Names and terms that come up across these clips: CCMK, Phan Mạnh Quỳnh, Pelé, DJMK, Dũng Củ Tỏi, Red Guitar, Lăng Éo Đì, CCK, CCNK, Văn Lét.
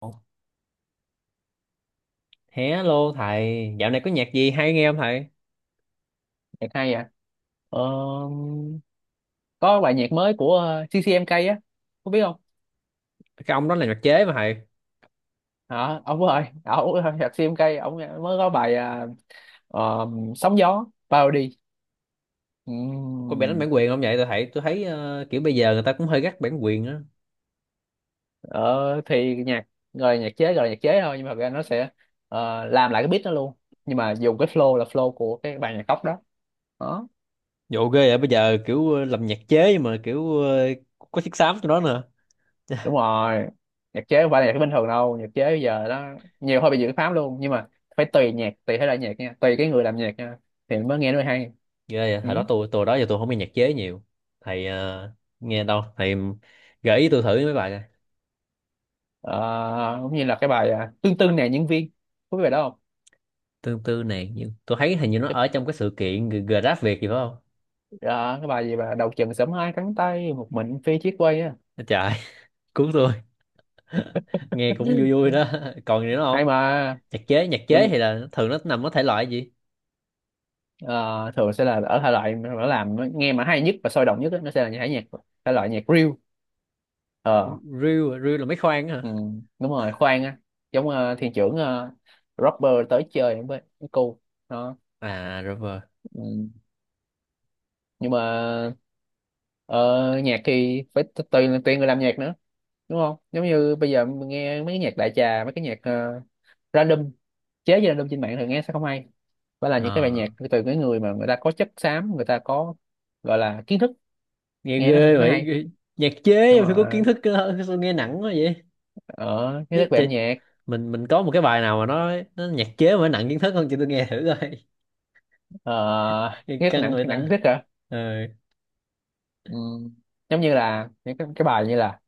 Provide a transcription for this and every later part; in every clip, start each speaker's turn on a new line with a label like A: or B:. A: Ồ, hello thầy, dạo này có nhạc gì hay nghe không thầy?
B: Nhạc hay à? ờ, có bài nhạc mới của CCMK á, có biết không?
A: Cái ông đó là nhạc chế mà thầy.
B: Hả ông ơi ông, nhạc CCMK ông mới có bài à? ờ, Sóng gió parody.
A: Có bị đánh
B: Ừm,
A: bản quyền không vậy? Tôi thấy kiểu bây giờ người ta cũng hơi gắt bản quyền á.
B: ờ, thì nhạc, nhạc chế rồi, nhạc chế thôi, nhưng mà thật ra nó sẽ, làm lại cái beat đó luôn, nhưng mà dùng cái flow là flow của cái bài nhạc gốc đó.
A: Dụ ghê vậy bây giờ kiểu làm nhạc chế mà kiểu có chiếc xám trong đó nữa.
B: Đúng rồi, nhạc chế không phải là nhạc bình thường đâu, nhạc chế bây giờ nó nhiều hơi bị dự pháp luôn, nhưng mà phải tùy nhạc, tùy thể loại nhạc nha, tùy cái người làm nhạc nha thì mới nghe nó mới hay.
A: Ghê vậy,
B: Ừ.
A: hồi đó tôi đó giờ tôi không nghe nhạc chế nhiều. Thầy nghe đâu? Thầy gợi ý tôi thử mấy bài coi.
B: Ờ, cũng như là cái bài à, tương tư nè nhân viên, có biết bài đó không?
A: Tương tư này nhưng tôi thấy hình như nó ở trong cái sự kiện Grab Việt gì phải không?
B: Ờ, cái bài gì mà đầu chừng sớm hai cánh tay một mình phi chiếc quay á.
A: Trời, cứu tôi. Nghe cũng vui vui đó. Còn gì nữa
B: Hay
A: không?
B: mà.
A: nhạc chế nhạc
B: Giống
A: chế
B: như,
A: thì là thường nó nằm ở thể loại gì?
B: ờ, thường sẽ là ở thể loại mà nó làm nó nghe mà hay nhất và sôi động nhất á, nó sẽ là những thể nhạc, thể loại nhạc reel.
A: Reel à? Reel là mấy khoan á hả?
B: Ừ, đúng rồi, khoan á. Giống ờ, thiên trưởng ờ, rapper tới chơi với cô đó.
A: À rồi.
B: Ừ. Nhưng mà ờ, nhạc thì phải tùy, người làm nhạc nữa, đúng không? Giống như bây giờ mình nghe mấy cái nhạc đại trà, mấy cái nhạc ờ, random, chế với random trên mạng thì nghe sẽ không hay. Phải là những cái bài nhạc
A: À,
B: từ cái người mà người ta có chất xám, người ta có, gọi là, kiến thức,
A: nghe
B: nghe nó
A: ghê
B: mới
A: vậy
B: hay.
A: ghê. Nhạc chế
B: Nhưng
A: mà phải có kiến
B: mà
A: thức cơ hơn, sao nghe nặng quá vậy?
B: ở cái
A: Nhớ
B: đất về
A: chị,
B: âm nhạc,
A: mình có một cái bài nào mà nó nhạc chế mà nó nặng kiến thức không chị, tôi nghe thử coi.
B: uh,
A: Nghe
B: nghe
A: căng
B: nặng
A: vậy
B: nặng
A: ta.
B: nhất hả?
A: Ờ,
B: Ừ. Giống như là những cái bài như là,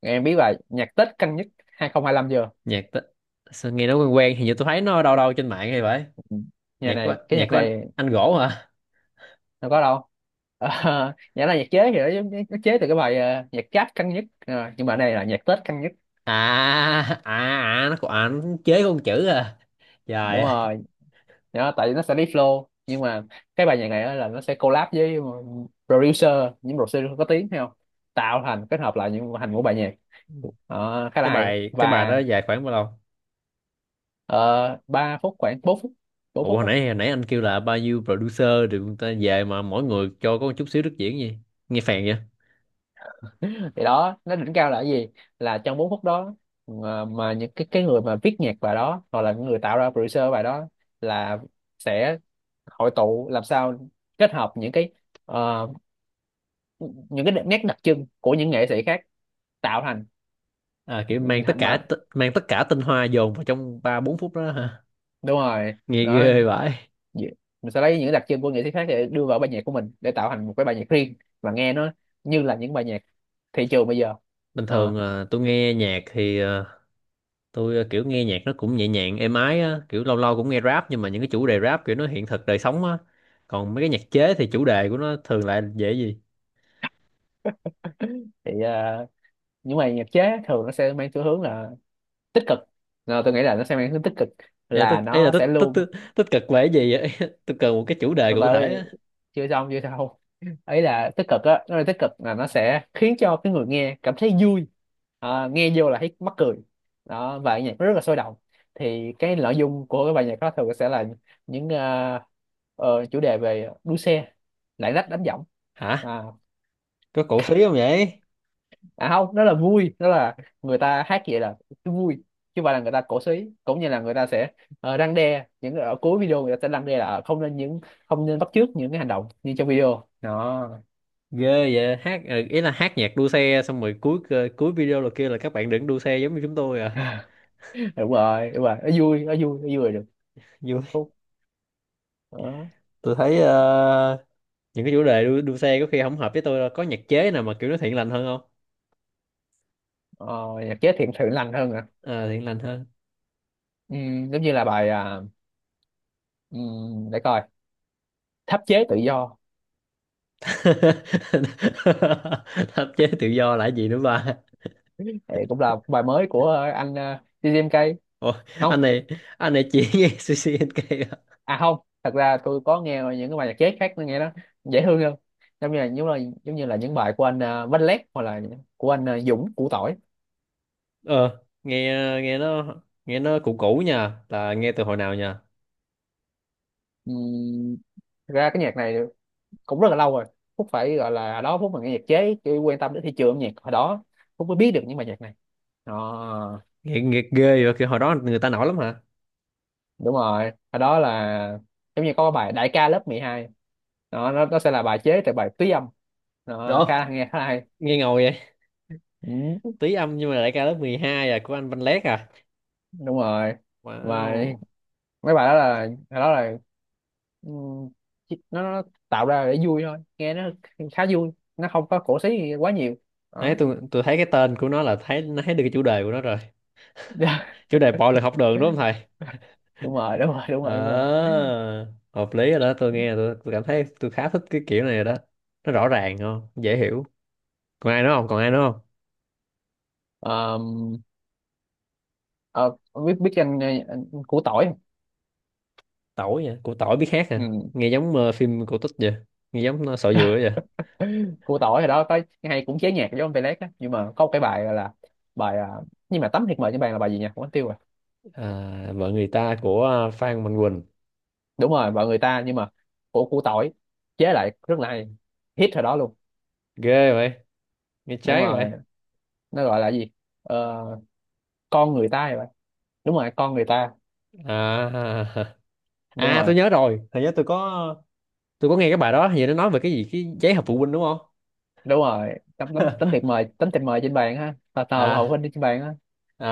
B: em biết bài nhạc Tết căng nhất 2025 chưa?
A: nhạc ta... sao nghe nó quen quen, hình như tôi thấy nó đâu đâu trên mạng hay vậy.
B: Ừ. Nhà
A: Nhạc của
B: này cái
A: nhạc
B: nhạc
A: của anh
B: này
A: anh gỗ hả?
B: đâu có đâu. Ờ, nhạc là nhạc chế thì nó, nó chế từ cái bài ờ, nhạc Giáp căng nhất. Ờ, nhưng mà đây là nhạc Tết căng nhất.
A: À à à, nó còn à, nó chế con chữ à, trời
B: Đúng
A: ơi.
B: rồi. Đó, tại vì nó sẽ đi flow, nhưng mà cái bài nhạc này á là nó sẽ collab với ờ, producer, những producer có tiếng hay không, tạo thành, kết hợp lại thành một bài nhạc. Ờ, khá là
A: cái
B: hay.
A: bài cái bài
B: Và
A: đó dài khoảng bao lâu?
B: 3 phút, khoảng 4 phút, 4
A: Ủa
B: phút.
A: hồi nãy anh kêu là bao nhiêu producer rồi, người ta về mà mỗi người cho có một chút xíu đức diễn gì, nghe phèn vậy.
B: Thì đó, nó đỉnh cao là cái gì, là trong 4 phút đó mà những cái người mà viết nhạc bài đó hoặc là những người tạo ra producer bài đó là sẽ hội tụ làm sao kết hợp những cái, ờ, những cái nét đặc trưng của những nghệ sĩ khác, tạo thành,
A: À kiểu mang tất
B: thành
A: cả
B: mà.
A: mang tất cả tinh hoa dồn vào trong ba bốn phút đó hả?
B: Đúng rồi,
A: Nghe
B: nó,
A: ghê vậy.
B: mình sẽ lấy những đặc trưng của nghệ sĩ khác để đưa vào bài nhạc của mình để tạo thành một cái bài nhạc riêng và nghe nó như là những bài nhạc thị trường bây giờ.
A: Bình
B: Ờ,
A: thường à, tôi nghe nhạc thì à, tôi à, kiểu nghe nhạc nó cũng nhẹ nhàng êm ái á, kiểu lâu lâu cũng nghe rap nhưng mà những cái chủ đề rap kiểu nó hiện thực đời sống á. Còn mấy cái nhạc chế thì chủ đề của nó thường lại dễ gì?
B: thì ờ, những bài nhạc chế thường nó sẽ mang xu hướng là tích cực. Ờ, tôi nghĩ là nó sẽ mang tính tích cực, là
A: Ấy là
B: nó
A: tích
B: sẽ
A: tích
B: luôn,
A: Tích tích cực về cái gì vậy? Tôi cần một cái chủ đề
B: từ từ,
A: cụ thể á.
B: chưa xong chưa xong, ấy là tích cực á, nó là tích cực là nó sẽ khiến cho cái người nghe cảm thấy vui. Ờ, nghe vô là thấy mắc cười đó, và nhạc nó rất là sôi động. Thì cái nội dung của cái bài nhạc đó thường sẽ là những ờ, chủ đề về đua xe, lạng lách đánh võng.
A: Hả,
B: À,
A: có cổ xí không vậy?
B: à không, nó là vui, nó là người ta hát vậy là cái vui chứ không phải là người ta cổ súy. Cũng như là người ta sẽ, ờ, răn đe, những ở cuối video người ta sẽ răn đe là ờ, không nên những, không nên bắt chước những cái hành động như trong video đó.
A: Ghê vậy, hát ý là hát nhạc đua xe xong rồi cuối video là kia là các bạn đừng đua xe giống như chúng tôi à.
B: Đúng rồi đúng rồi, nó vui, nó vui, nó vui là được.
A: Vui.
B: Phúc. Đó.
A: Tôi thấy những cái chủ đề đua xe có khi không hợp với tôi, đâu có nhạc chế nào mà kiểu nó thiện lành hơn không?
B: Ờ, nhạc chế thiện thượng lành hơn à?
A: Ờ, thiện lành hơn.
B: Ừ, giống như là bài à, ừ, để coi, tháp chế tự do.
A: Pháp chế tự do là cái gì nữa ba?
B: Thì cũng là bài mới của ờ, anh DJMK.
A: Ủa, anh
B: Không.
A: này anh này chỉ nghe CCNK à?
B: À không, thật ra tôi có nghe những cái bài nhạc jazz khác nó nghe nó dễ thương hơn. Giống như là, giống như là những bài của anh Văn Lét, hoặc là của anh ờ, Dũng Củ Tỏi.
A: Ờ nghe, nghe nó nghe nó cũ cũ nha, là nghe từ hồi nào nha.
B: Ừm, thật ra cái nhạc này cũng rất là lâu rồi. Phúc phải gọi là, đó Phúc mà nghe nhạc chế chứ quan tâm đến thị trường âm nhạc hồi đó Phúc mới biết được những bài nhạc này đó.
A: Nghe ghê vậy, kiểu hồi đó người ta nổi lắm hả?
B: Đúng rồi, hồi đó là giống như có cái bài Đại ca lớp 12 đó, nó sẽ là bài chế tại bài túy âm đó,
A: Được.
B: khá là nghe khá là hay.
A: Nghe ngồi vậy.
B: Ừ,
A: Tí âm nhưng mà đại ca lớp 12 à của anh Văn Lét à.
B: đúng rồi. Và
A: Wow.
B: mấy bài đó là, ừm, nó tạo ra để vui thôi, nghe nó khá vui, nó không có cổ xí gì quá nhiều
A: Đấy
B: đó.
A: tôi thấy cái tên của nó là thấy nó thấy được cái chủ đề của nó rồi. Chủ đề bạo lực học đường đúng không thầy?
B: đúng rồi đúng rồi đúng
A: Ờ
B: rồi đúng rồi.
A: hợp lý rồi đó, tôi nghe tôi cảm thấy tôi khá thích cái kiểu này rồi đó. Nó rõ ràng, không dễ hiểu. Còn ai nữa không?
B: Ờm, ờ, ông biết, biết anh củ tỏi không?
A: Tỏi vậy, của tỏi biết hát à, nghe giống phim cổ tích vậy, nghe giống sọ dừa vậy.
B: Ừ. Củ tỏi hồi đó có hay cũng chế nhạc giống ông Pelé đó, nhưng mà có một cái bài gọi là bài à, nhưng mà tấm thiệt mời trên bàn là bài gì nhỉ, quên tiêu rồi.
A: À, vợ người ta của Phan Mạnh Quỳnh.
B: Đúng rồi, bài người ta nhưng mà của củ tỏi chế lại rất là hay, hit hồi đó luôn.
A: Ghê vậy, nghe
B: Đúng
A: cháy vậy.
B: rồi, nó gọi là gì, ờ, con người ta vậy, đúng rồi, con người ta.
A: À.
B: Đúng
A: À
B: rồi.
A: tôi nhớ rồi thầy, nhớ tôi có nghe cái bài đó, hình như nó nói về cái gì cái giấy họp phụ huynh đúng không?
B: Đúng rồi, tấm tấm tấm thiệp mời trên bàn ha, tờ tờ hậu
A: à
B: huynh trên bàn ha.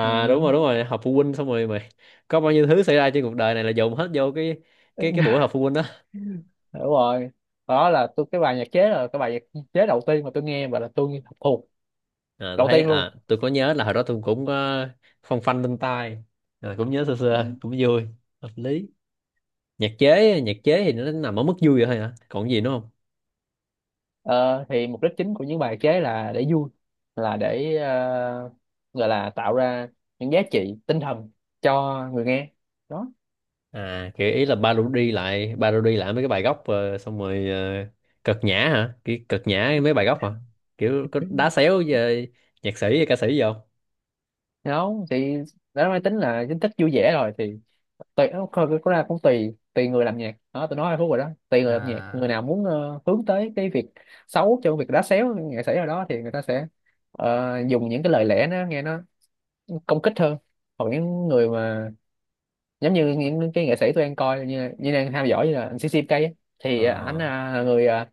B: Ừ.
A: đúng rồi đúng rồi họp phụ huynh xong rồi mày có bao nhiêu thứ xảy ra trên cuộc đời này là dồn hết vô cái buổi họp phụ huynh đó.
B: Đúng rồi, đó là cái bài nhạc chế, là cái bài nhạc chế đầu tiên mà tôi nghe và là tôi học thuộc
A: À tôi
B: đầu
A: thấy
B: tiên luôn.
A: à tôi có nhớ là hồi đó tôi cũng có phong phanh lên tai à, cũng nhớ sơ
B: Ừ.
A: sơ cũng vui. Hợp lý. Nhạc chế thì nó nằm ở mức vui vậy thôi hả, còn gì nữa không?
B: Ờ, thì mục đích chính của những bài chế là để vui, là để ờ, gọi là tạo ra những giá trị tinh thần cho người nghe đó.
A: À kiểu ý là parody lại mấy cái bài gốc xong rồi ờ, cợt nhã hả, kiểu cợt nhã mấy bài gốc hả, kiểu có đá xéo về nhạc sĩ hay ca sĩ gì không?
B: Thì không thì đã nói tính là tính thích vui vẻ rồi. Thì tùy nó coi cái ra, cũng tùy, tùy người làm nhạc đó, tôi nói hai phút rồi đó. Tùy người làm nhạc, người
A: À
B: nào muốn ờ, hướng tới cái việc xấu, cho việc đá xéo nghệ sĩ nào đó, thì người ta sẽ ờ, dùng những cái lời lẽ nó nghe nó công kích hơn. Hoặc những người mà giống như những cái nghệ sĩ tôi đang coi như, đang theo dõi như là anh CCK ấy,
A: ờ
B: thì anh à, là người à,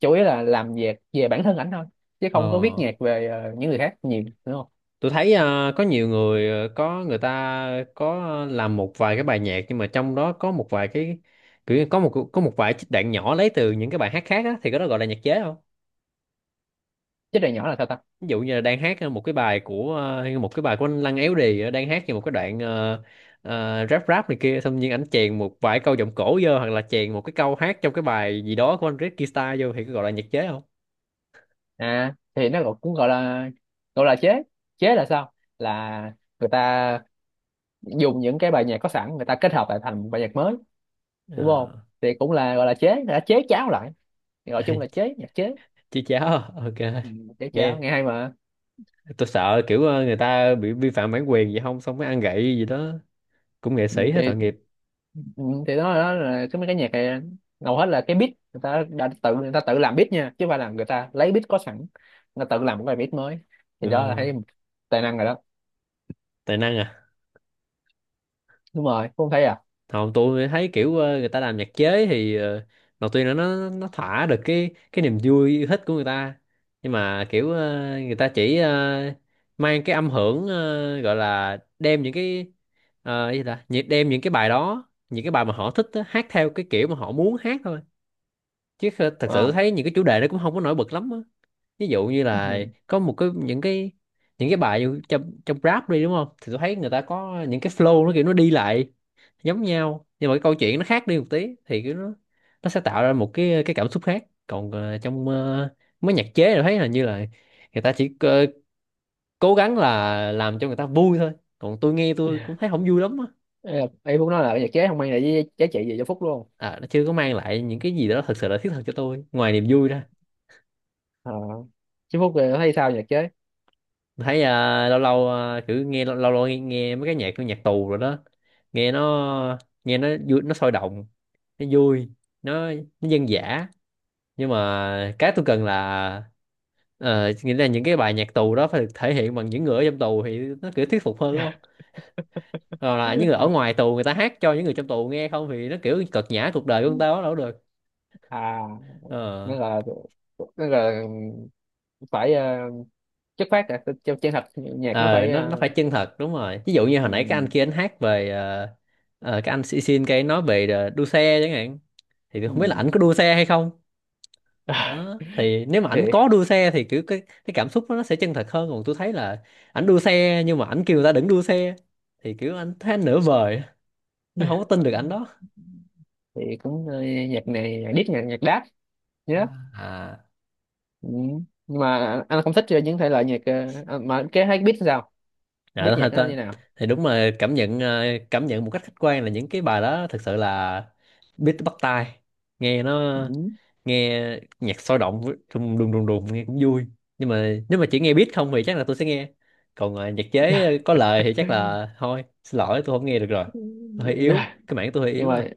B: chủ yếu là làm việc về bản thân ảnh thôi, chứ không có viết
A: ờ,
B: nhạc về ờ, những người khác nhiều, đúng không?
A: tôi thấy có nhiều người ờ, có người ta có làm một vài cái bài nhạc nhưng mà trong đó có một vài cái, kiểu như có một vài trích đoạn nhỏ lấy từ những cái bài hát khác á, thì cái đó gọi là nhạc chế không?
B: Chứ này nhỏ là sao ta?
A: Ví dụ như là đang hát một cái bài của một cái bài của anh Lăng Éo Đì ờ, đang hát như một cái đoạn rap rap này kia xong nhiên anh chèn một vài câu giọng cổ vô, hoặc là chèn một cái câu hát trong cái bài gì đó của anh Red Guitar vô thì có gọi là nhạc chế không?
B: À, thì nó cũng, gọi là, gọi là chế. Chế là sao, là người ta dùng những cái bài nhạc có sẵn, người ta kết hợp lại thành một bài nhạc mới, đúng không?
A: À.
B: Thì cũng là gọi là chế, người ta chế cháo lại, thì gọi chung là chế, nhạc chế.
A: Chứ cháo à? Ok.
B: Ừ, chế cháo
A: Nghe,
B: nghe hay mà.
A: tôi sợ kiểu người ta bị vi phạm bản quyền gì không xong mới ăn gậy gì đó, cũng nghệ
B: Ừ,
A: sĩ hết
B: thì
A: tội nghiệp.
B: ừ, thì đó, đó là cái mấy cái nhạc này hầu hết là cái beat người ta đã tự, người ta tự làm beat nha, chứ không phải là người ta lấy beat có sẵn, người ta tự làm một bài beat mới, thì đó là
A: Ờ,
B: thấy tài năng rồi đó.
A: tài năng à.
B: Đúng rồi, cũng thấy à.
A: Không, tôi thấy kiểu người ta làm nhạc chế thì ờ, đầu tiên là nó thỏa được cái niềm vui yêu thích của người ta, nhưng mà kiểu ờ, người ta chỉ ờ, mang cái âm hưởng ờ, gọi là đem những cái ờ, cái gì ta đem những cái bài đó, những cái bài mà họ thích á, hát theo cái kiểu mà họ muốn hát thôi, thật sự
B: Ờ.
A: thấy những cái chủ đề nó cũng không có nổi bật lắm á. Ví dụ như là
B: Ừ.
A: có một cái những cái, những cái bài như trong trong rap đi đúng không, thì tôi thấy người ta có những cái flow nó kiểu nó đi lại giống nhau nhưng mà cái câu chuyện nó khác đi một tí thì kiểu nó sẽ tạo ra một cái cảm xúc khác, còn trong mấy nhạc chế tôi thấy là như là người ta chỉ cố gắng là làm cho người ta vui thôi, còn tôi nghe tôi cũng thấy không vui lắm á.
B: Ý là, ý Phúc nói là nhạc chế không mang lại với giá trị gì cho Phúc luôn
A: À, nó chưa có mang lại những cái gì đó thật sự là thiết thực cho tôi ngoài niềm vui ra.
B: à? Chứ Phúc thì thấy sao nhạc chế?
A: Thấy à, lâu lâu à, kiểu nghe lâu lâu, nghe mấy cái nhạc của nhạc tù rồi đó. Nghe nó, nghe nó vui, nó sôi động, nó vui, nó nó dân dã, nhưng mà cái tôi cần là nghĩa là những cái bài nhạc tù đó phải được thể hiện bằng những người ở trong tù thì nó kiểu thuyết phục hơn không, rồi là những người ở ngoài tù người ta hát cho những người trong tù nghe không thì nó kiểu cợt nhã cuộc đời của người ta quá, đâu có được.
B: À,
A: Ờ
B: nó là, nó là phải ờ, chất phát à, chân, chân thật, nhạc nó
A: ờ,
B: phải
A: nó
B: ờ,
A: phải chân thật đúng rồi, ví dụ như hồi
B: ừ,
A: nãy cái anh kia anh hát về cái anh xin xin cái nói về đua xe chẳng hạn, thì tôi không biết là
B: ừ.
A: ảnh có đua xe hay không. Đó thì nếu mà
B: thì
A: ảnh có đua xe thì kiểu cái cảm xúc nó sẽ chân thật hơn, còn tôi thấy là ảnh đua xe nhưng mà ảnh kêu người ta đừng đua xe thì kiểu anh thấy anh nửa vời, thấy không có tin được ảnh đó.
B: thì cũng ờ, nhạc này nhạc diss, nhạc, nhạc đáp,
A: À,
B: nhớ.
A: à.
B: Ừ. Nhưng mà anh không thích những thể loại nhạc ờ, à, mà cái hay biết sao, biết nhạc
A: Dạ,
B: nó như nào.
A: thì đúng là cảm nhận một cách khách quan là những cái bài đó thực sự là beat bắt tai, nghe nó,
B: Ừ.
A: nghe nhạc sôi động với- đùng đùng đùng đùng nghe cũng vui, nhưng mà nếu mà chỉ nghe beat không thì chắc là tôi sẽ nghe, còn nhạc chế có lời thì chắc là thôi xin lỗi tôi không nghe được rồi. tôi hơi yếu cái mảng tôi hơi
B: Nhưng
A: yếu à.
B: mà,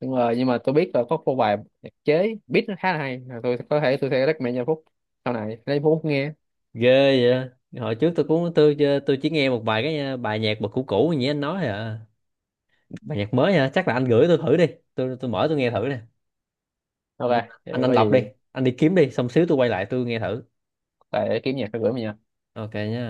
B: đúng rồi, nhưng mà tôi biết là có một bài nhạc chế beat nó khá là hay, là tôi có thể tôi sẽ recommend cho Phúc sau này, lấy Phúc nghe.
A: Ghê vậy, hồi trước tôi cũng tôi ờ, tôi chỉ nghe một vài cái bài nhạc mà cũ cũ như anh nói thôi à. Bài nhạc mới hả, chắc là anh gửi tôi thử đi, tôi mở tôi nghe thử nè.
B: OK.
A: Anh, anh
B: Vậy
A: anh
B: có
A: lọc đi,
B: gì
A: anh đi kiếm đi xong xíu tôi quay lại tôi nghe thử.
B: phải kiếm nhạc rồi gửi mình nha.
A: Ok nha.